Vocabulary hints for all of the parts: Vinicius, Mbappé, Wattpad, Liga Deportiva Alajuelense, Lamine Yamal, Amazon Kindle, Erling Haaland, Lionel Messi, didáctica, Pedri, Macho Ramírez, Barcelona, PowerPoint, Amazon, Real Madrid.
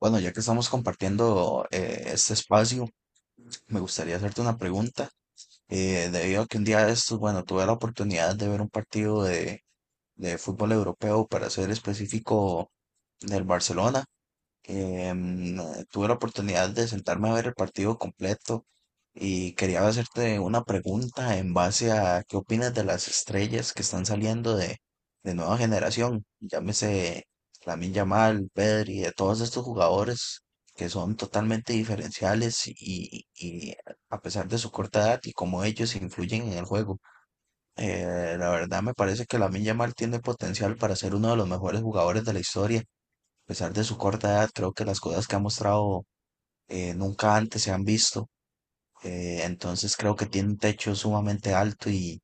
Bueno, ya que estamos compartiendo este espacio, me gustaría hacerte una pregunta. Debido a que un día de estos, bueno, tuve la oportunidad de ver un partido de fútbol europeo, para ser específico, del Barcelona. Em, Tuve la oportunidad de sentarme a ver el partido completo y quería hacerte una pregunta en base a qué opinas de las estrellas que están saliendo de nueva generación, llámese Lamine Yamal, Pedri, de todos estos jugadores que son totalmente diferenciales y a pesar de su corta edad y cómo ellos influyen en el juego. La verdad me parece que Lamine Yamal tiene potencial para ser uno de los mejores jugadores de la historia a pesar de su corta edad. Creo que las cosas que ha mostrado nunca antes se han visto. Entonces creo que tiene un techo sumamente alto y,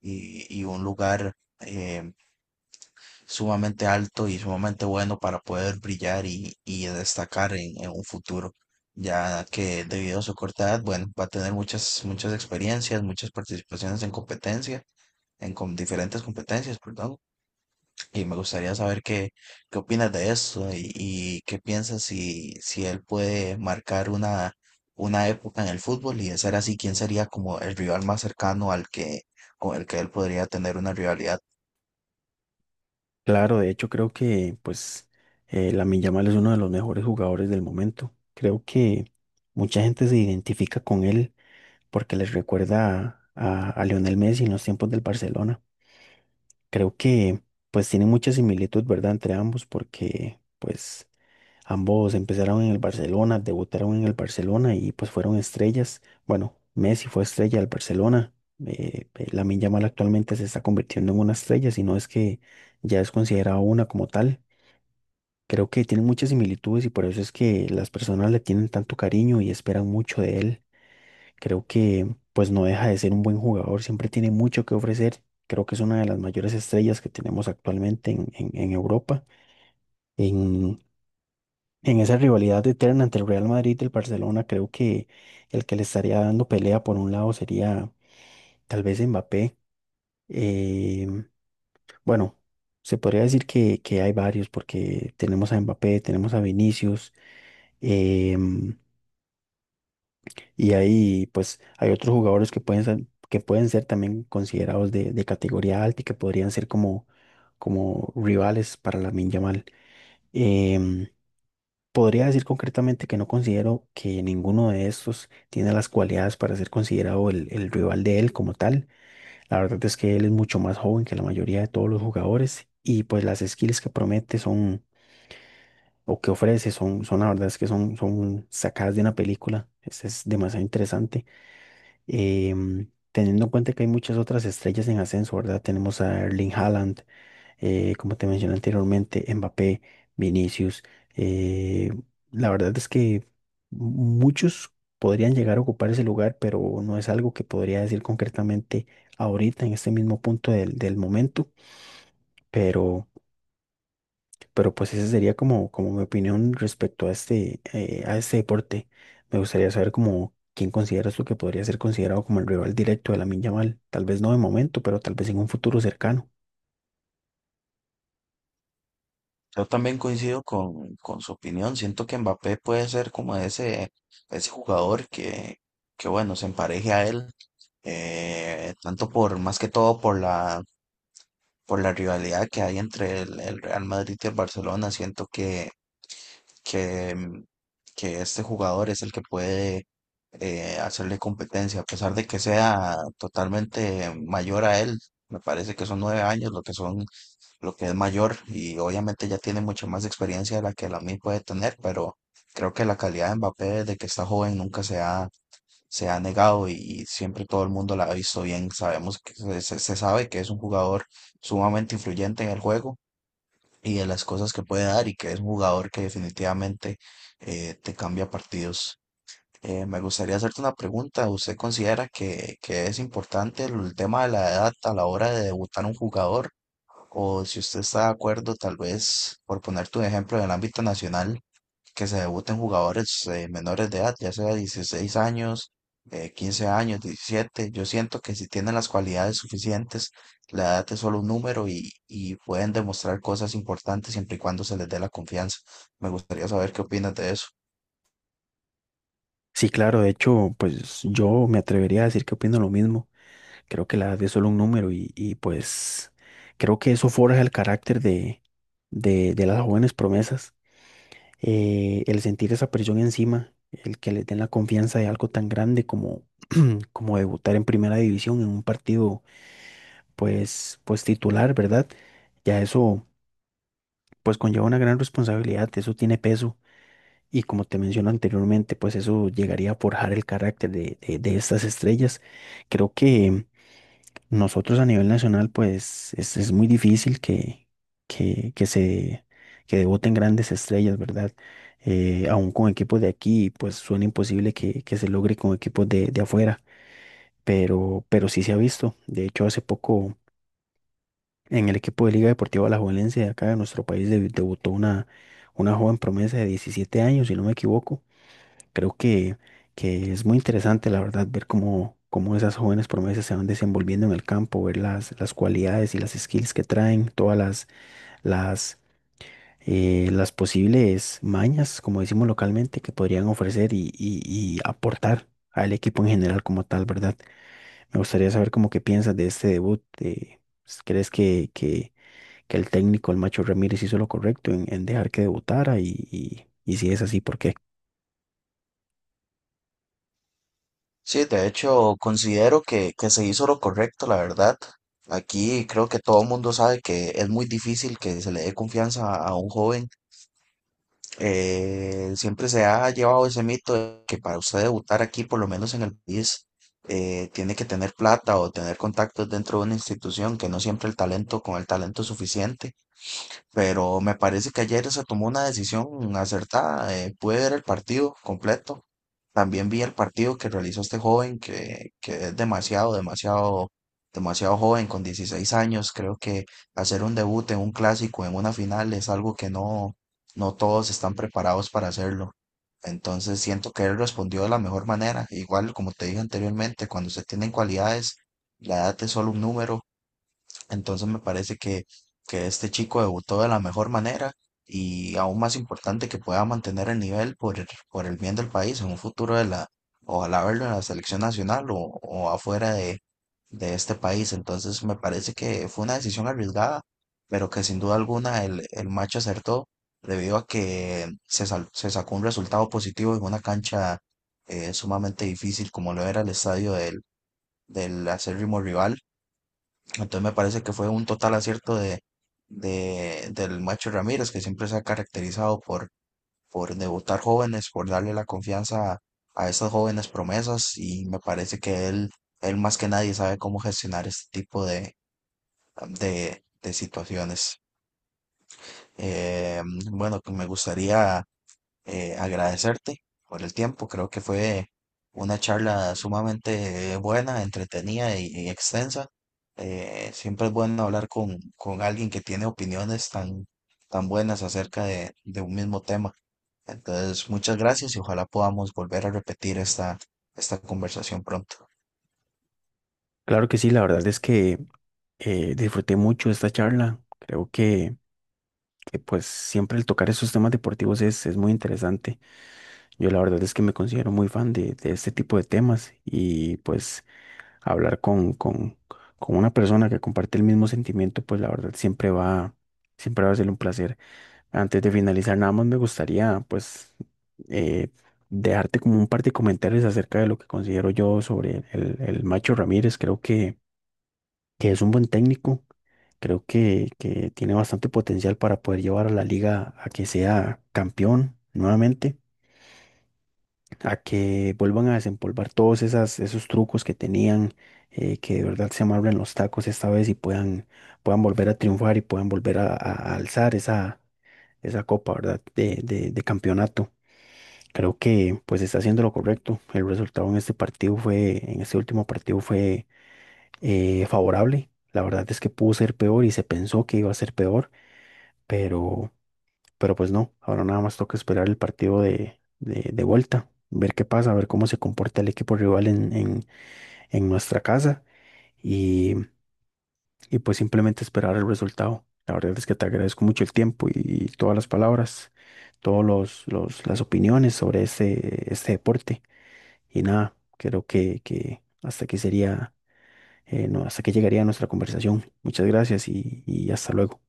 y- y un lugar eh, sumamente alto y sumamente bueno para poder brillar y destacar en un futuro. Ya que debido a su corta edad, bueno, va a tener muchas experiencias, muchas participaciones en competencia, diferentes competencias, perdón. Y me gustaría saber qué opinas de eso y qué piensas si él puede marcar una época en el fútbol y de ser así, ¿quién sería como el rival más cercano al con el que él podría tener una rivalidad? Claro, de hecho creo que la Lamine Yamal es uno de los mejores jugadores del momento. Creo que mucha gente se identifica con él porque les recuerda a Lionel Messi en los tiempos del Barcelona. Creo que pues tiene mucha similitud, ¿verdad? Entre ambos porque pues ambos empezaron en el Barcelona, debutaron en el Barcelona y pues fueron estrellas. Bueno, Messi fue estrella del Barcelona. Lamine Yamal actualmente se está convirtiendo en una estrella, si no es que ya es considerado una como tal. Creo que tiene muchas similitudes y por eso es que las personas le tienen tanto cariño y esperan mucho de él. Creo que pues no deja de ser un buen jugador, siempre tiene mucho que ofrecer. Creo que es una de las mayores estrellas que tenemos actualmente en Europa. En, en esa rivalidad eterna entre el Real Madrid y el Barcelona, creo que el que le estaría dando pelea por un lado sería tal vez Mbappé. Eh, bueno, se podría decir que hay varios porque tenemos a Mbappé, tenemos a Vinicius. em, Y ahí, pues, hay otros jugadores que pueden ser también considerados de categoría alta y que podrían ser como rivales para la Yamal. Em, Podría decir concretamente que no considero que ninguno de estos tiene las cualidades para ser considerado el rival de él como tal. La verdad es que él es mucho más joven que la mayoría de todos los jugadores y pues las skills que promete son o que ofrece son, son la verdad es que son, son sacadas de una película. Es demasiado interesante, teniendo en cuenta que hay muchas otras estrellas en ascenso, ¿verdad? Tenemos a Erling Haaland, como te mencioné anteriormente, Mbappé, Vinicius. eh, la verdad es que muchos podrían llegar a ocupar ese lugar, pero no es algo que podría decir concretamente ahorita, en este mismo punto del momento, pero... Pero pues esa sería como mi opinión respecto a este, a este deporte. Me gustaría saber como quién consideras tú que podría ser considerado como el rival directo de la Yamal. Tal vez no de momento, pero tal vez en un futuro cercano. Yo también coincido con su opinión. Siento que Mbappé puede ser como ese jugador que bueno, se empareje a él, tanto por, más que todo por por la rivalidad que hay entre el Real Madrid y el Barcelona. Siento que, mm, que este jugador es el que puede hacerle competencia, a pesar de que sea totalmente mayor a él. Me parece que son nueve años lo que lo que es mayor, y obviamente ya tiene mucha más experiencia de la que Lamine puede tener, pero creo que la calidad de Mbappé desde que está joven nunca se ha negado y siempre todo el mundo la ha visto bien. Sabemos que se sabe que es un jugador sumamente influyente en el juego y de las cosas que puede dar y que es un jugador que definitivamente te cambia partidos. Me gustaría hacerte una pregunta. ¿Usted considera que es importante el tema de la edad a la hora de debutar un jugador? O si usted está de acuerdo, tal vez, por ponerte un ejemplo en el ámbito nacional, que se debuten jugadores menores de edad, ya sea 16 años, 15 años, 17. Yo siento que si tienen las cualidades suficientes, la edad es solo un número y pueden demostrar cosas importantes siempre y cuando se les dé la confianza. Me gustaría saber qué opinas de eso. Sí, claro, de hecho, pues yo me atrevería a decir que opino lo mismo. Creo que la edad es solo un número pues creo que eso forja el carácter de las jóvenes promesas. El sentir esa presión encima, el que les den la confianza de algo tan grande como debutar en primera división en un partido pues titular, ¿verdad? Ya eso pues conlleva una gran responsabilidad, eso tiene peso y como te menciono anteriormente, pues eso llegaría a forjar el carácter de estas estrellas. Creo que nosotros a nivel nacional pues es muy difícil que, que se que debuten grandes estrellas, ¿verdad? Aún con equipos de aquí, pues suena imposible que se logre con equipos de afuera. Pero sí se ha visto. De hecho, hace poco en el equipo de Liga Deportiva Alajuelense de acá de nuestro país debutó una joven promesa de 17 años, si no me equivoco. Creo que es muy interesante, la verdad, ver cómo esas jóvenes promesas se van desenvolviendo en el campo, ver las cualidades y las skills que traen, todas las, las, eh, las posibles mañas, como decimos localmente, que podrían ofrecer y aportar al equipo en general como tal, ¿verdad? Me gustaría saber cómo que piensas de este debut. ¿Crees que el técnico, el Macho Ramírez, hizo lo correcto en dejar que debutara? Si es así, ¿por qué? Sí, de hecho, considero que se hizo lo correcto, la verdad. Aquí creo que todo el mundo sabe que es muy difícil que se le dé confianza a un joven. Siempre se ha llevado ese mito de que para usted debutar aquí, por lo menos en el país, tiene que tener plata o tener contactos dentro de una institución, que no siempre el talento, con el talento es suficiente, pero me parece que ayer se tomó una decisión acertada. Pude ver el partido completo. También vi el partido que realizó este joven que es demasiado joven, con 16 años. Creo que hacer un debut en un clásico, en una final, es algo que no, no todos están preparados para hacerlo. Entonces siento que él respondió de la mejor manera. Igual, como te dije anteriormente, cuando se tienen cualidades, la edad es solo un número. Entonces me parece que este chico debutó de la mejor manera y aún más importante que pueda mantener el nivel por por el bien del país en un futuro de ojalá verlo en la selección nacional o afuera de este país. Entonces me parece que fue una decisión arriesgada, pero que sin duda alguna el match acertó debido a que se sacó un resultado positivo en una cancha sumamente difícil como lo era el estadio del acérrimo rival. Entonces me parece que fue un total acierto del Macho Ramírez, que siempre se ha caracterizado por debutar jóvenes, por darle la confianza a esas jóvenes promesas, y me parece que él más que nadie sabe cómo gestionar este tipo de situaciones. Eh, bueno, que me gustaría agradecerte por el tiempo. Creo que fue una charla sumamente buena, entretenida y extensa. Siempre es bueno hablar con alguien que tiene opiniones tan buenas acerca de un mismo tema. Entonces, muchas gracias, y ojalá podamos volver a repetir esta conversación pronto. Claro que sí, la verdad es que, disfruté mucho esta charla. Creo que pues siempre el tocar esos temas deportivos es muy interesante. Yo la verdad es que me considero muy fan de este tipo de temas y pues hablar con una persona que comparte el mismo sentimiento, pues la verdad siempre va a ser un placer. Antes de finalizar, nada más me gustaría, pues, eh, dejarte como un par de comentarios acerca de lo que considero yo sobre el Macho Ramírez. Creo que es un buen técnico. Creo que tiene bastante potencial para poder llevar a la liga a que sea campeón nuevamente a que vuelvan a desempolvar todos esas, esos trucos que tenían, que de verdad se amarren los tacos esta vez y puedan volver a triunfar y puedan volver a alzar esa copa, ¿verdad? De campeonato. Creo que pues está haciendo lo correcto. El resultado en este partido fue, En este último partido fue, favorable. La verdad es que pudo ser peor y se pensó que iba a ser peor, pero pues no, ahora nada más toca esperar el partido de vuelta, ver qué pasa, ver cómo se comporta el equipo rival en nuestra casa y, y pues simplemente esperar el resultado. La verdad es que te agradezco mucho el tiempo y todas las palabras, todos los- las opiniones sobre este, este deporte. Y nada, creo que hasta aquí sería, no, hasta aquí llegaría nuestra conversación. Muchas gracias y hasta luego.